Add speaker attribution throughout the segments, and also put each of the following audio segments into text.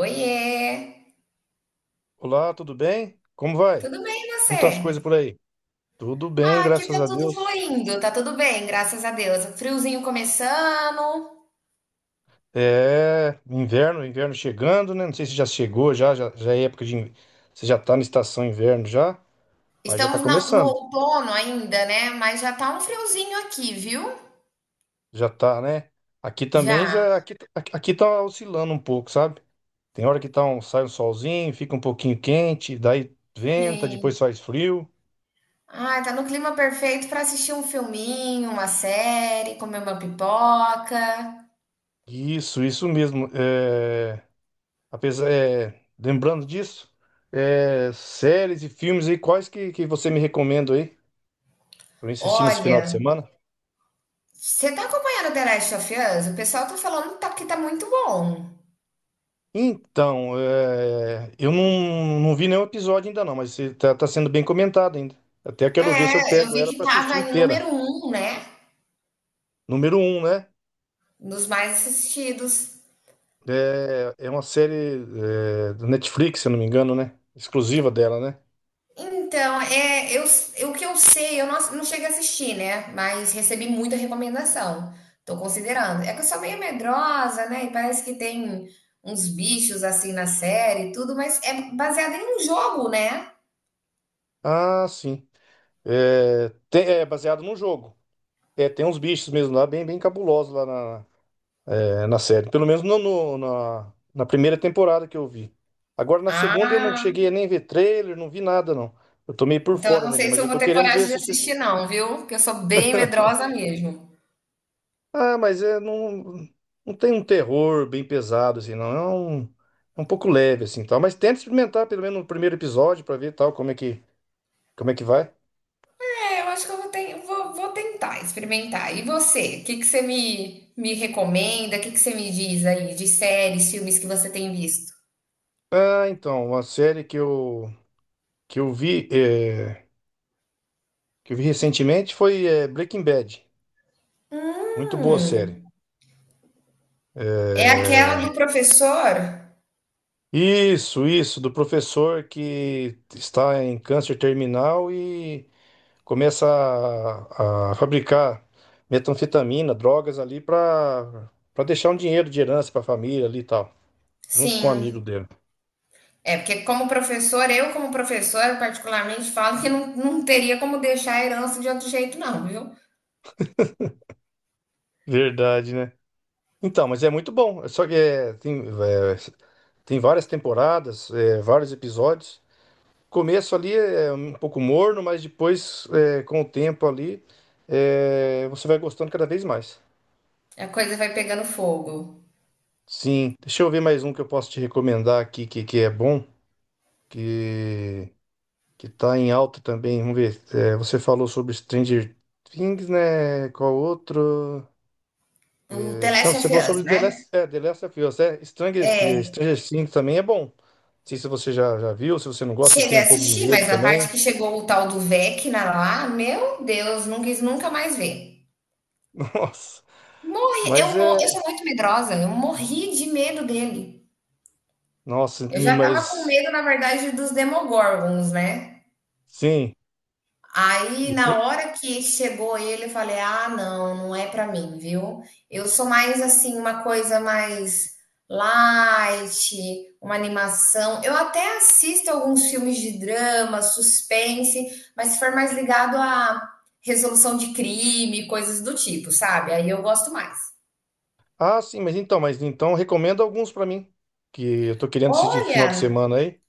Speaker 1: Oiê!
Speaker 2: Olá, tudo bem? Como vai?
Speaker 1: Tudo bem e
Speaker 2: Como estão as coisas
Speaker 1: você?
Speaker 2: por aí? Tudo bem,
Speaker 1: Ah, aqui tá
Speaker 2: graças a
Speaker 1: tudo
Speaker 2: Deus.
Speaker 1: fluindo, tá tudo bem, graças a Deus. O friozinho começando.
Speaker 2: Inverno, chegando, né? Não sei se já chegou, já é época de. Você já tá na estação inverno já, mas já tá
Speaker 1: No
Speaker 2: começando.
Speaker 1: outono ainda, né? Mas já tá um friozinho aqui, viu?
Speaker 2: Já tá, né? Aqui também
Speaker 1: Já.
Speaker 2: já, aqui tá oscilando um pouco, sabe? Tem hora que tá um, sai um solzinho, fica um pouquinho quente, daí venta, depois
Speaker 1: Sim.
Speaker 2: faz frio.
Speaker 1: Ah, tá no clima perfeito para assistir um filminho, uma série, comer uma pipoca.
Speaker 2: Isso mesmo. Apesar, lembrando disso, séries e filmes aí, que você me recomenda aí pra eu assistir nesse final de
Speaker 1: Olha,
Speaker 2: semana?
Speaker 1: você tá acompanhando The Last of Us? O pessoal tá que tá muito bom.
Speaker 2: Eu não vi nenhum episódio ainda não, mas você tá sendo bem comentado ainda. Até quero ver se eu
Speaker 1: É, eu
Speaker 2: pego
Speaker 1: vi
Speaker 2: ela
Speaker 1: que
Speaker 2: pra assistir
Speaker 1: tava em
Speaker 2: inteira.
Speaker 1: número um, né?
Speaker 2: Número um, né?
Speaker 1: Nos mais assistidos.
Speaker 2: É uma série do Netflix, se eu não me engano, né? Exclusiva dela, né?
Speaker 1: Então, o que eu sei, eu não cheguei a assistir, né? Mas recebi muita recomendação. Tô considerando. É que eu sou meio medrosa, né? E parece que tem uns bichos assim na série e tudo, mas é baseado em um jogo, né?
Speaker 2: Ah, sim. É baseado num jogo. É, tem uns bichos mesmo lá, bem, bem cabulosos lá na série. Pelo menos na na, primeira temporada que eu vi. Agora na segunda eu não
Speaker 1: Ah,
Speaker 2: cheguei a nem ver trailer, não vi nada, não. Eu tô meio por
Speaker 1: então eu
Speaker 2: fora
Speaker 1: não
Speaker 2: dele,
Speaker 1: sei se
Speaker 2: mas
Speaker 1: eu
Speaker 2: eu
Speaker 1: vou
Speaker 2: tô
Speaker 1: ter
Speaker 2: querendo ver
Speaker 1: coragem de
Speaker 2: assistir.
Speaker 1: assistir, não, viu? Porque eu sou bem medrosa mesmo.
Speaker 2: Ah, não tem um terror bem pesado, assim, não. É um pouco leve, assim, tal. Mas tenta experimentar pelo menos no primeiro episódio pra ver tal, como é que vai.
Speaker 1: É, eu acho que eu vou tentar experimentar. E você? O que que você me recomenda? O que que você me diz aí de séries, filmes que você tem visto?
Speaker 2: Ah, então, uma série que eu vi, é, que eu vi recentemente foi Breaking Bad. Muito boa
Speaker 1: Hum,
Speaker 2: série.
Speaker 1: é aquela
Speaker 2: É,
Speaker 1: do professor?
Speaker 2: isso, do professor que está em câncer terminal e começa a fabricar metanfetamina, drogas ali para deixar um dinheiro de herança para a família ali e tal, junto com um amigo
Speaker 1: Sim.
Speaker 2: dele.
Speaker 1: É, porque como professor, eu como professora particularmente falo que não teria como deixar a herança de outro jeito, não, viu.
Speaker 2: Verdade, né? Então, mas é muito bom. Só que tem várias temporadas, vários episódios. Começo ali é um pouco morno, mas depois, com o tempo ali, você vai gostando cada vez mais.
Speaker 1: A coisa vai pegando fogo.
Speaker 2: Sim, deixa eu ver mais um que eu posso te recomendar aqui que é bom, que que tá em alta também. Vamos ver. É, você falou sobre Stranger Things, né? Qual outro?
Speaker 1: O The
Speaker 2: Não,
Speaker 1: Last of
Speaker 2: você falou
Speaker 1: Us,
Speaker 2: sobre
Speaker 1: né.
Speaker 2: The Last of Us, Stranger Things também é bom. Não sei se você já viu, se você não gosta, você
Speaker 1: Cheguei
Speaker 2: tem
Speaker 1: a
Speaker 2: um pouco de
Speaker 1: assistir,
Speaker 2: medo
Speaker 1: mas na parte
Speaker 2: também.
Speaker 1: que chegou o tal do Vecna lá, meu Deus, não quis nunca mais ver.
Speaker 2: Nossa,
Speaker 1: Morri
Speaker 2: mas
Speaker 1: eu mo
Speaker 2: é,
Speaker 1: Eu sou muito medrosa, eu morri de medo dele.
Speaker 2: nossa,
Speaker 1: Eu já estava com
Speaker 2: mas
Speaker 1: medo, na verdade, dos Demogorgons, né.
Speaker 2: sim.
Speaker 1: Aí, na
Speaker 2: E,
Speaker 1: hora que chegou ele, eu falei: "Ah, não, não é pra mim, viu". Eu sou mais, assim, uma coisa mais light, uma animação. Eu até assisto alguns filmes de drama, suspense, mas se for mais ligado a resolução de crime, coisas do tipo, sabe, aí eu gosto mais.
Speaker 2: Ah, sim, mas então recomenda alguns pra mim, que eu tô querendo assistir final de
Speaker 1: Olha,
Speaker 2: semana aí.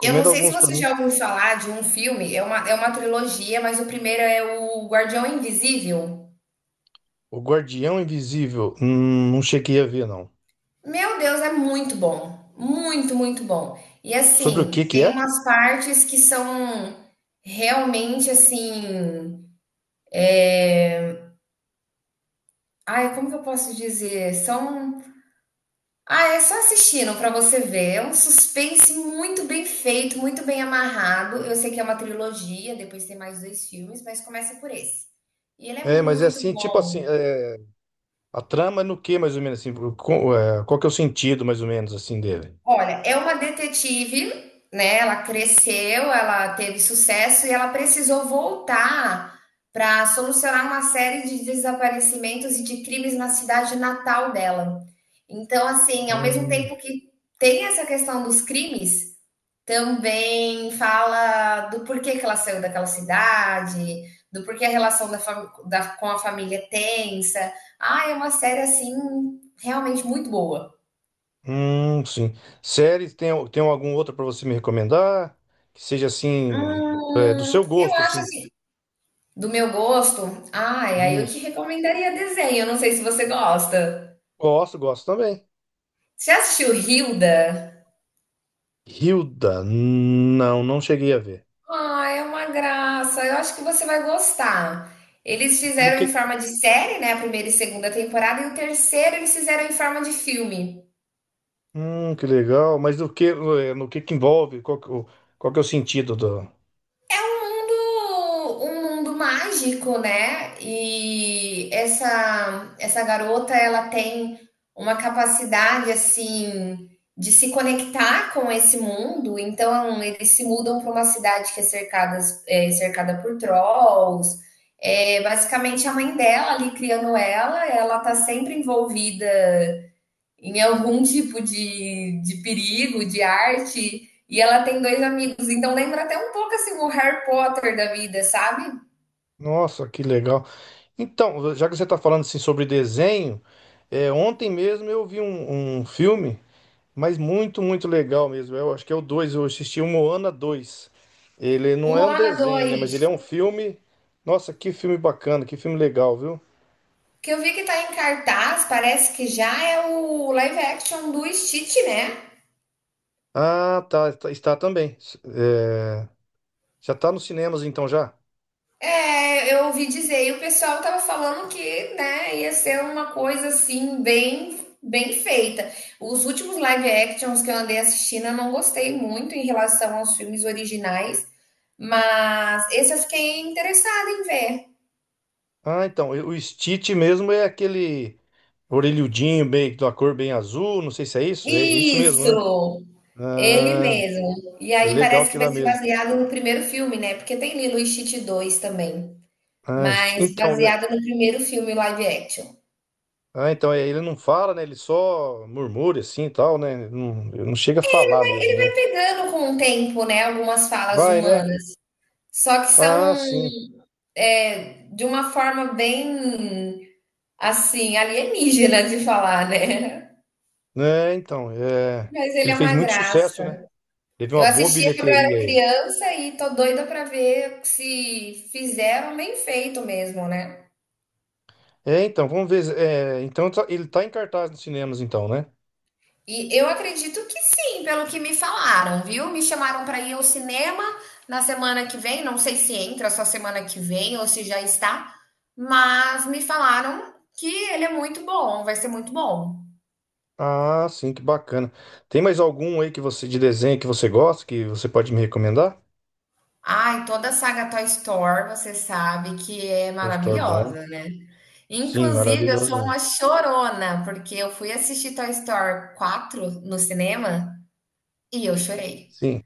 Speaker 1: eu não sei se
Speaker 2: alguns pra
Speaker 1: você
Speaker 2: mim.
Speaker 1: já ouviu falar de um filme, é uma trilogia, mas o primeiro é o Guardião Invisível.
Speaker 2: O Guardião Invisível, não cheguei a ver não.
Speaker 1: Meu Deus, é muito bom. Muito, muito bom. E
Speaker 2: Sobre o que
Speaker 1: assim,
Speaker 2: que
Speaker 1: tem
Speaker 2: é?
Speaker 1: umas partes que são realmente assim, ai, como que eu posso dizer? São, ah, é só assistindo pra você ver. É um suspense muito bem feito, muito bem amarrado. Eu sei que é uma trilogia, depois tem mais 2 filmes, mas começa por esse. E ele é
Speaker 2: É, mas é
Speaker 1: muito
Speaker 2: assim, tipo assim,
Speaker 1: bom.
Speaker 2: é, a trama é no que mais ou menos assim, qual que é o sentido mais ou menos assim dele?
Speaker 1: Olha, é uma detetive, né, ela cresceu, ela teve sucesso e ela precisou voltar para solucionar uma série de desaparecimentos e de crimes na cidade natal dela. Então, assim, ao mesmo
Speaker 2: Hum,
Speaker 1: tempo que tem essa questão dos crimes, também fala do porquê que ela saiu daquela cidade, do porquê a relação da fam- da- com a família é tensa. Ah, é uma série, assim, realmente muito boa.
Speaker 2: hum, sim. Séries, tem algum outro pra você me recomendar? Que seja assim, do seu
Speaker 1: Eu
Speaker 2: gosto
Speaker 1: acho
Speaker 2: assim.
Speaker 1: assim. Do meu gosto? Ai, aí eu te
Speaker 2: Isso.
Speaker 1: recomendaria desenho. Eu não sei se você gosta.
Speaker 2: Gosto, gosto também.
Speaker 1: Você já assistiu Hilda?
Speaker 2: Hilda? Não, não cheguei a ver.
Speaker 1: Ah, é uma graça. Eu acho que você vai gostar. Eles
Speaker 2: No
Speaker 1: fizeram em forma de série, né? A primeira e segunda temporada, e o terceiro eles fizeram em forma de filme.
Speaker 2: Que legal. Mas do que, no que envolve? Qual que é o sentido do...
Speaker 1: Um mundo mágico, né? E essa garota, ela tem uma capacidade, assim, de se conectar com esse mundo. Então, eles se mudam para uma cidade que é, cercada por trolls. É, basicamente, a mãe dela ali criando ela, ela tá sempre envolvida em algum tipo de perigo, de arte, e ela tem dois amigos. Então lembra até um pouco assim o Harry Potter da vida, sabe?
Speaker 2: Nossa, que legal. Então, já que você está falando assim sobre desenho, ontem mesmo eu vi um filme, mas muito, muito legal mesmo. Eu acho que é o 2. Eu assisti o Moana dois. Ele
Speaker 1: O
Speaker 2: não é um
Speaker 1: Moana
Speaker 2: desenho, né?
Speaker 1: 2.
Speaker 2: Mas ele é um filme. Nossa, que filme bacana, que filme legal, viu?
Speaker 1: Que eu vi que tá em cartaz, parece que já é o live action do Stitch, né?
Speaker 2: Ah, está também. Eh, já está nos cinemas então já?
Speaker 1: É, eu ouvi dizer, e o pessoal tava falando que, né, ia ser uma coisa assim bem bem feita. Os últimos live actions que eu andei assistindo, eu não gostei muito em relação aos filmes originais. Mas esse eu fiquei interessada em ver.
Speaker 2: Ah, então, o Stitch mesmo é aquele orelhudinho bem, da cor bem azul, não sei se é isso, é, é isso mesmo, né?
Speaker 1: Isso! Ele
Speaker 2: Ah,
Speaker 1: mesmo. E
Speaker 2: é
Speaker 1: aí
Speaker 2: legal
Speaker 1: parece que
Speaker 2: aquilo
Speaker 1: vai
Speaker 2: lá
Speaker 1: ser
Speaker 2: mesmo.
Speaker 1: baseado no primeiro filme, né? Porque tem Lilo e Stitch 2 também.
Speaker 2: Ah, Sti-
Speaker 1: Mas
Speaker 2: então, é-
Speaker 1: baseado no primeiro filme live action.
Speaker 2: ah, então, ele não fala, né? Ele só murmura assim e tal, né? Ele não chega a falar
Speaker 1: Ele
Speaker 2: mesmo, né?
Speaker 1: vai pegando com o tempo, né? Algumas falas
Speaker 2: Vai, né?
Speaker 1: humanas. Só que
Speaker 2: Ah,
Speaker 1: são
Speaker 2: sim.
Speaker 1: é, de uma forma bem, assim, alienígena de falar, né?
Speaker 2: É
Speaker 1: Mas
Speaker 2: que
Speaker 1: ele
Speaker 2: ele
Speaker 1: é
Speaker 2: fez
Speaker 1: uma
Speaker 2: muito sucesso,
Speaker 1: graça.
Speaker 2: né? Teve
Speaker 1: Eu
Speaker 2: uma boa
Speaker 1: assistia quando eu
Speaker 2: bilheteria
Speaker 1: era
Speaker 2: ele.
Speaker 1: criança e tô doida pra ver se fizeram bem feito mesmo, né?
Speaker 2: É, então, vamos ver. É, então ele tá em cartaz nos cinemas, então, né?
Speaker 1: E eu acredito que sim, pelo que me falaram, viu? Me chamaram pra ir ao cinema na semana que vem, não sei se entra só semana que vem ou se já está, mas me falaram que ele é muito bom, vai ser muito bom.
Speaker 2: Ah, sim, que bacana. Tem mais algum aí que você de desenho que você gosta, que você pode me recomendar?
Speaker 1: Ai, toda a saga Toy Story, você sabe que é
Speaker 2: Toy Story bom, né?
Speaker 1: maravilhosa, né?
Speaker 2: Sim,
Speaker 1: Inclusive, eu
Speaker 2: maravilhoso
Speaker 1: sou
Speaker 2: mesmo.
Speaker 1: uma chorona, porque eu fui assistir Toy Story 4 no cinema e eu chorei.
Speaker 2: Sim.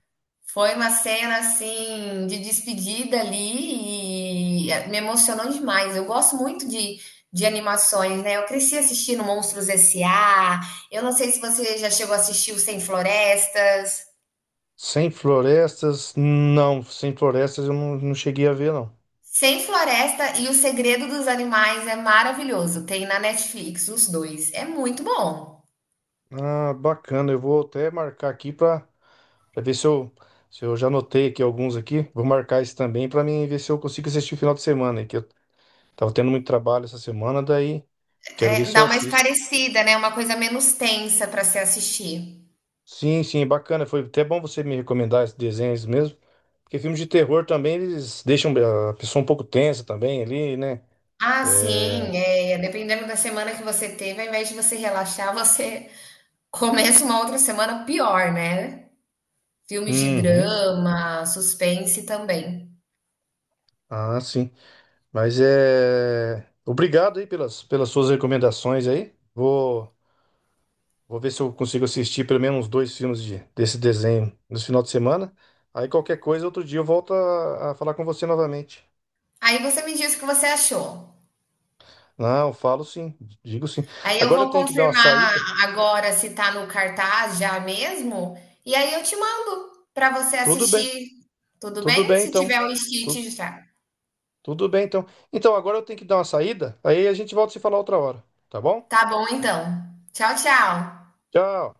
Speaker 1: Foi uma cena assim de despedida ali e eh, me emocionou demais. Eu gosto muito de animações, né? Eu cresci assistindo Monstros S.A. Eu não sei se você já chegou a assistir o Sem Florestas.
Speaker 2: Sem Florestas, não, Sem Florestas eu não cheguei a ver, não.
Speaker 1: Sem Floresta e O Segredo dos Animais é maravilhoso. Tem na Netflix os dois. É muito bom.
Speaker 2: Ah, bacana, eu vou até marcar aqui para ver se eu, se eu já anotei aqui alguns aqui. Vou marcar esse também para mim ver se eu consigo assistir o final de semana, aí, que eu tava tendo muito trabalho essa semana, daí quero ver
Speaker 1: É,
Speaker 2: se eu
Speaker 1: dá uma
Speaker 2: assisto.
Speaker 1: esparecida, né, uma coisa menos tensa para se assistir.
Speaker 2: Sim, sim, bacana. Foi até bom você me recomendar esses desenhos mesmo. Porque filmes de terror também, eles deixam a pessoa um pouco tensa também ali, né?
Speaker 1: Ah,
Speaker 2: É...
Speaker 1: sim, é, é, dependendo da semana que você teve, ao invés de você relaxar, você começa uma outra semana pior, né? Filmes de
Speaker 2: Uhum.
Speaker 1: drama, suspense também.
Speaker 2: Ah, sim. Mas é... Obrigado aí pelas suas recomendações aí. Vou ver se eu consigo assistir pelo menos uns dois filmes de, desse desenho no final de semana. Aí qualquer coisa, outro dia eu volto a falar com você novamente.
Speaker 1: Aí você me diz o que você achou.
Speaker 2: Não, eu falo sim, digo sim.
Speaker 1: Aí eu
Speaker 2: Agora eu
Speaker 1: vou
Speaker 2: tenho que dar uma
Speaker 1: confirmar
Speaker 2: saída.
Speaker 1: agora se tá no cartaz já mesmo, e aí eu te mando para você
Speaker 2: Tudo bem,
Speaker 1: assistir, tudo
Speaker 2: tudo
Speaker 1: bem?
Speaker 2: bem
Speaker 1: Se
Speaker 2: então.
Speaker 1: tiver o Stitch
Speaker 2: Tu-
Speaker 1: já.
Speaker 2: Tudo bem, então. Então, agora eu tenho que dar uma saída, aí a gente volta a se falar outra hora, tá bom?
Speaker 1: Tá bom então. Tchau, tchau.
Speaker 2: Tchau.